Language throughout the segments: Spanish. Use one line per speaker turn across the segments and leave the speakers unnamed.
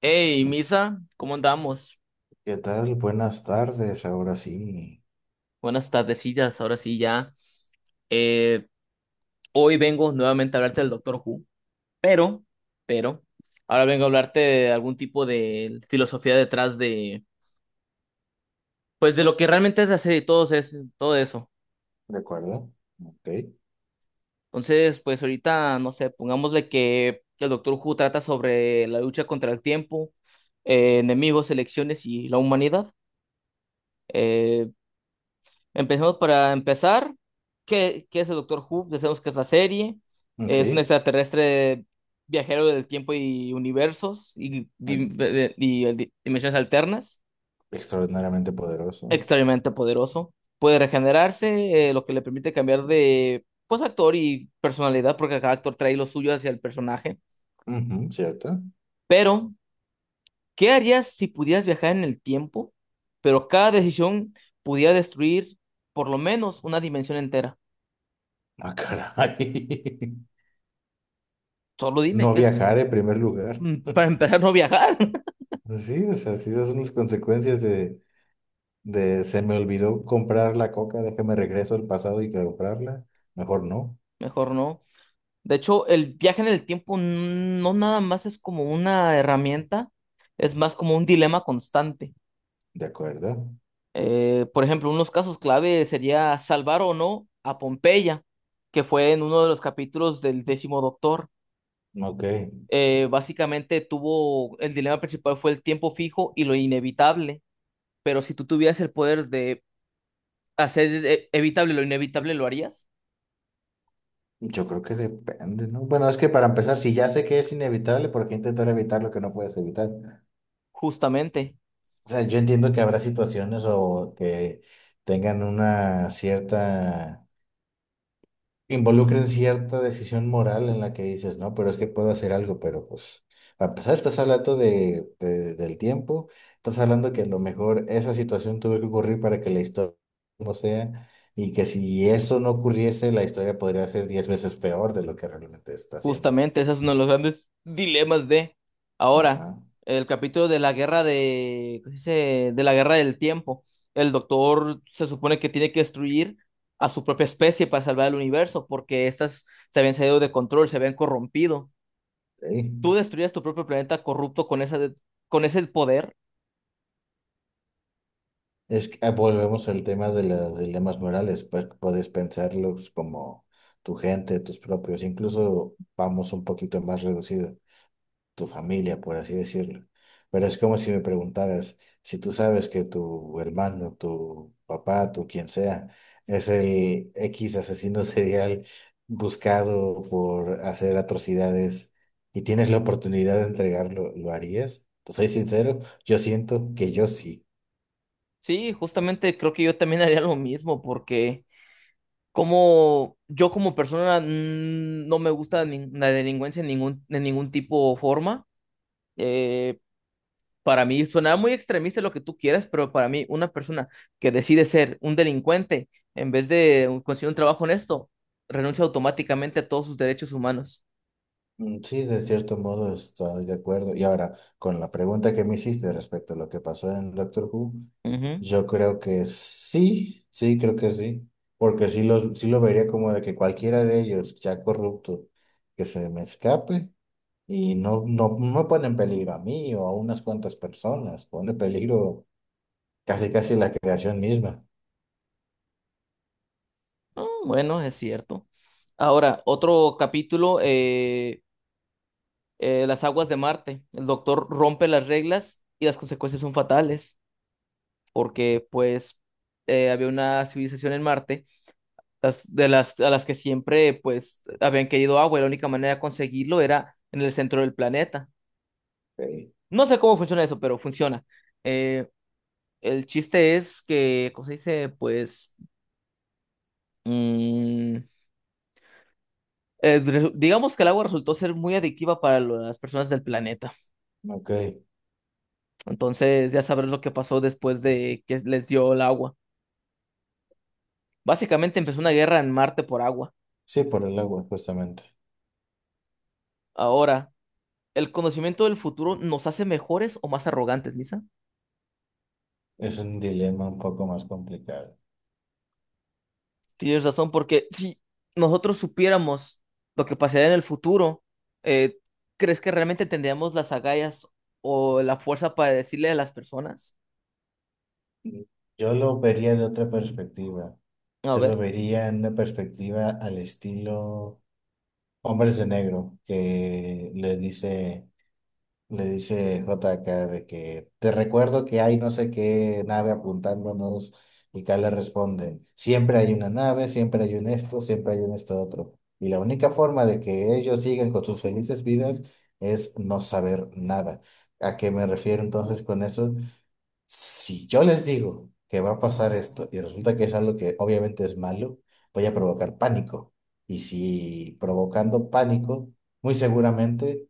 Hey, Misa, ¿cómo andamos?
¿Qué tal? Buenas tardes, ahora sí,
Buenas tardecillas, ahora sí ya. Eh, Hoy vengo nuevamente a hablarte del Doctor Who, pero, pero, ahora vengo a hablarte de algún tipo de filosofía detrás de, pues, de lo que realmente es la serie y todo, es, todo eso.
¿de acuerdo? Ok,
Entonces, pues ahorita, no sé, pongámosle que el Doctor Who trata sobre la lucha contra el tiempo, enemigos, elecciones y la humanidad. Eh, Empecemos para empezar. ¿Qué, qué es el Doctor Who? Ya sabemos que es la serie.
mm,
Es un
sí,
extraterrestre viajero del tiempo y universos y,
eh,
di- de- y di- dimensiones alternas.
extraordinariamente poderoso.
Extremadamente poderoso. Puede regenerarse, lo que le permite cambiar de pues, actor y personalidad, porque cada actor trae lo suyo hacia el personaje.
Ujú, ¿cierto?
Pero, ¿qué harías si pudieras viajar en el tiempo, pero cada decisión pudiera destruir por lo menos una dimensión entera?
Ah, caray.
Solo dime.
No viajar en primer lugar.
Para empezar no viajar,
Sí, o sea, sí, esas son las consecuencias de se me olvidó comprar la coca, déjame regreso al pasado y comprarla. Mejor no,
mejor no. De hecho, el viaje en el tiempo no nada más es como una herramienta, es más como un dilema constante.
¿de acuerdo?
Por ejemplo, unos casos clave sería salvar o no a Pompeya, que fue en uno de los capítulos del décimo doctor.
Ok,
Básicamente tuvo, el dilema principal fue el tiempo fijo y lo inevitable, pero si tú tuvieras el poder de hacer evitable lo inevitable, ¿lo harías?
yo creo que depende, ¿no? Bueno, es que para empezar, si ya sé que es inevitable, ¿por qué intentar evitar lo que no puedes evitar?
Justamente.
O sea, yo entiendo que habrá situaciones o que tengan una cierta, involucren cierta decisión moral en la que dices, no, pero es que puedo hacer algo, pero pues, a pesar estás hablando del tiempo, estás hablando que a lo mejor esa situación tuvo que ocurrir para que la historia como sea, y que si eso no ocurriese, la historia podría ser 10 veces peor de lo que realmente está haciendo.
Justamente, ese es uno de los grandes dilemas de ahora,
Ajá.
el capítulo de la guerra de, ¿cómo se dice? De la guerra del tiempo. El doctor se supone que tiene que destruir a su propia especie para salvar el universo, porque estas se habían salido de control, se habían corrompido. Tú
Ok.
destruyes tu propio planeta corrupto con esa, con ese poder.
Es que ah, volvemos al tema de los dilemas morales, pues puedes pensarlos como tu gente, tus propios, incluso vamos un poquito más reducido, tu familia, por así decirlo. Pero es como si me preguntaras, si tú sabes que tu hermano, tu papá, tu quien sea, es el X asesino serial buscado por hacer atrocidades y tienes la oportunidad de entregarlo, ¿lo harías? Te soy sincero, yo siento que yo sí.
Sí, justamente creo que yo también haría lo mismo, porque como yo como persona no me gusta la delincuencia en ningún, de ningún tipo o forma. eh, Para mí suena muy extremista lo que tú quieras, pero para mí una persona que decide ser un delincuente en vez de conseguir un trabajo honesto, renuncia automáticamente a todos sus derechos humanos.
Mm, sí, de cierto modo estoy de acuerdo. Y ahora, con la pregunta que me hiciste respecto a lo que pasó en Doctor Who,
Ujú.
yo creo que sí, sí, creo que sí, porque sí, los, sí lo vería como de que cualquiera de ellos, ya corrupto, que se me escape y no, no, no pone en peligro a mí o a unas cuantas personas, pone en peligro casi casi la creación misma.
Mm, bueno, es cierto. Ahora, otro capítulo, las aguas de Marte. El doctor rompe las reglas y las consecuencias son fatales, porque pues había una civilización en Marte las, de las, a las que siempre pues habían querido agua y la única manera de conseguirlo era en el centro del planeta.
Okay.
No sé cómo funciona eso, pero funciona. Eh, el chiste es que, ¿cómo se dice? Pues, mm, digamos que el agua resultó ser muy adictiva para las personas del planeta.
Ok,
Entonces, ya sabrás lo que pasó después de que les dio el agua. Básicamente empezó una guerra en Marte por agua.
sí, por el agua, justamente.
Ahora, ¿el conocimiento del futuro nos hace mejores o más arrogantes, Misa?
Es un dilema un poco más complicado.
Tienes razón, porque si nosotros supiéramos lo que pasaría en el futuro, eh, ¿crees que realmente tendríamos las agallas o la fuerza para decirle a las personas?
Yo lo vería de otra perspectiva.
A
Yo lo
ver,
vería en una perspectiva al estilo Hombres de Negro, que le dice JK de que te recuerdo que hay no sé qué nave apuntándonos y K le responde, siempre hay una nave, siempre hay un esto, siempre hay un esto otro. Y la única forma de que ellos sigan con sus felices vidas es no saber nada. ¿A qué me refiero entonces con eso? Si yo les digo que va a pasar esto y resulta que es algo que obviamente es malo, voy a provocar pánico. Y si provocando pánico, muy seguramente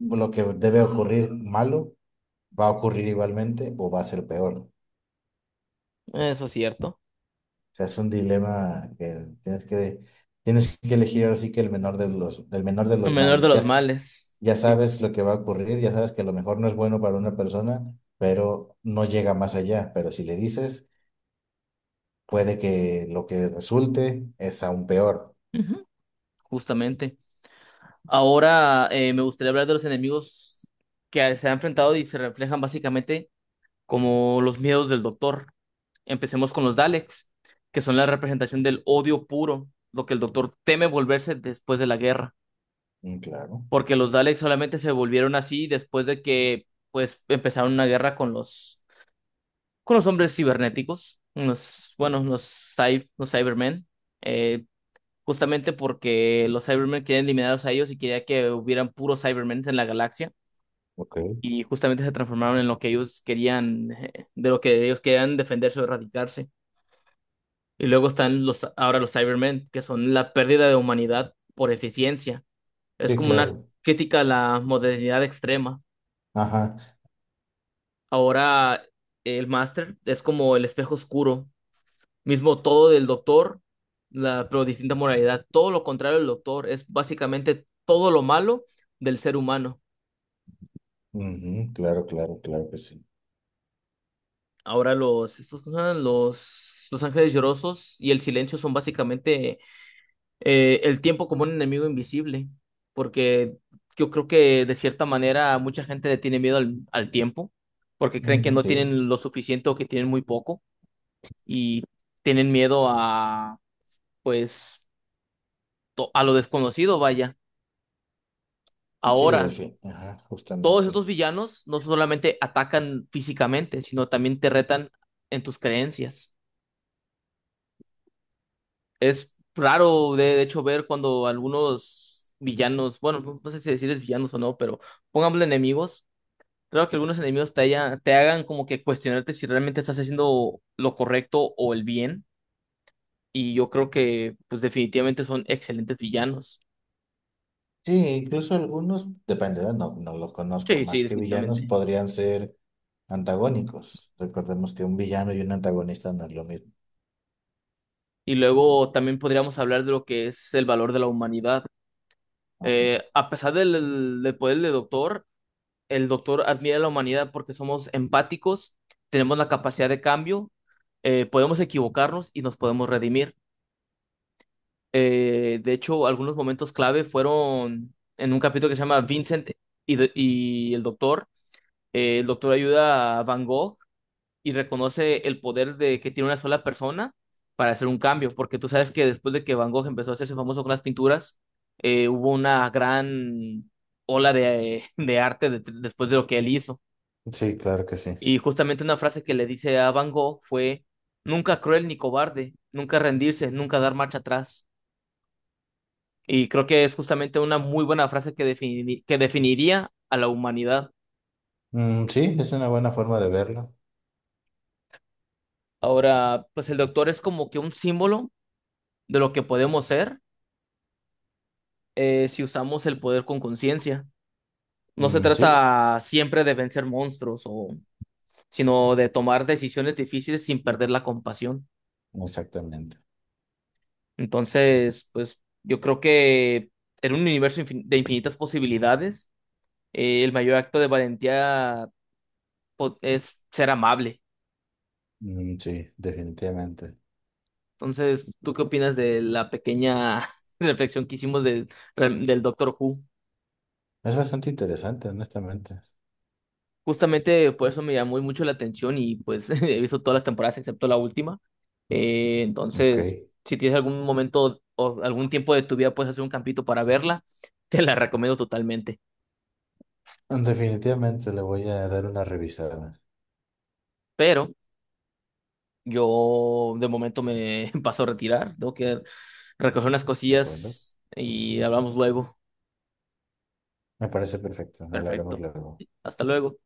lo que debe ocurrir malo va a ocurrir igualmente o va a ser peor. O
eso es cierto.
sea, es un dilema que tienes que, tienes que elegir ahora sí que el menor de los, del menor de
El
los
menor de
males. Ya,
los
s-
males.
ya
Sí,
sabes lo que va a ocurrir, ya sabes que a lo mejor no es bueno para una persona, pero no llega más allá. Pero si le dices puede que lo que resulte es aún peor.
ujú, justamente. Ahora me gustaría hablar de los enemigos que se han enfrentado y se reflejan básicamente como los miedos del doctor. Empecemos con los Daleks, que son la representación del odio puro, lo que el doctor teme volverse después de la guerra.
Mm, claro,
Porque los Daleks solamente se volvieron así después de que pues empezaron una guerra con los hombres cibernéticos, los bueno, los Cybermen, eh, justamente porque los Cybermen querían eliminarlos a ellos y quería que hubieran puros Cybermen en la galaxia
ok.
y justamente se transformaron en lo que ellos querían defenderse o erradicarse. Y luego están los Cybermen, que son la pérdida de humanidad por eficiencia. Es
Sí,
como una
claro.
crítica a la modernidad extrema.
Ajá.
Ahora el Master es como el espejo oscuro, mismo todo del Doctor, la, pero distinta moralidad. Todo lo contrario del Doctor, es básicamente todo lo malo del ser humano.
Ujú, claro, claro, claro que sí.
Ahora los, estos, ¿cómo se llaman? Los Ángeles Llorosos y el Silencio son básicamente el tiempo como un enemigo invisible, porque yo creo que de cierta manera mucha gente le tiene miedo al, al tiempo, porque creen que
Mm,
no
sí,
tienen lo suficiente o que tienen muy poco y tienen miedo a pues a lo desconocido, vaya.
sí, en
Ahora,
fin. Ajá,
todos
justamente.
estos villanos no solamente atacan físicamente, sino también te retan en tus creencias. Es raro, de hecho, ver cuando algunos villanos, bueno, no no sé si decirles villanos o no, pero pongámosle enemigos. Creo que algunos enemigos te hagan como que cuestionarte si realmente estás haciendo lo correcto o el bien. Y yo creo que, pues, definitivamente son excelentes villanos.
Sí, incluso algunos, depende, ¿verdad? No, no los conozco,
Sí, sí,
más que villanos
definitivamente.
podrían ser antagónicos. Recordemos que un villano y un antagonista no es lo mismo.
Y luego también podríamos hablar de lo que es el valor de la humanidad.
Ajá.
A pesar del, del poder del doctor, el doctor admira a la humanidad porque somos empáticos, tenemos la capacidad de cambio, podemos equivocarnos y nos podemos redimir. De hecho, algunos momentos clave fueron en un capítulo que se llama Vincent y el doctor. El doctor ayuda a Van Gogh y reconoce el poder de que tiene una sola persona para hacer un cambio, porque tú sabes que después de que Van Gogh empezó a hacerse famoso con las pinturas, hubo una gran ola de, de arte después de lo que él hizo.
Sí, claro que sí.
Y justamente una frase que le dice a Van Gogh fue, nunca cruel ni cobarde, nunca rendirse, nunca dar marcha atrás. Y creo que es justamente una muy buena frase que que definiría a la humanidad.
Mm, sí, es una buena forma de verlo.
Ahora, pues el doctor es como que un símbolo de lo que podemos ser si usamos el poder con conciencia. No se
Mm, sí,
trata siempre de vencer monstruos, o, sino de tomar decisiones difíciles sin perder la compasión.
exactamente.
Entonces, pues yo creo que en un universo de infinitas posibilidades, el mayor acto de valentía es ser amable.
Mm, sí, definitivamente.
Entonces, ¿tú qué opinas de la pequeña reflexión que hicimos del Doctor Who?
Es bastante interesante, honestamente.
Justamente por eso me llamó mucho la atención y pues he visto todas las temporadas excepto la última. Eh,
Ok.
entonces, si tienes algún momento o algún tiempo de tu vida, puedes hacer un campito para verla, te la recomiendo totalmente.
Definitivamente le voy a dar una revisada.
Pero yo de momento me paso a retirar, tengo que recoger unas
¿De acuerdo?
cosillas y hablamos luego.
Me parece perfecto. Hablaremos
Perfecto.
luego.
Hasta luego.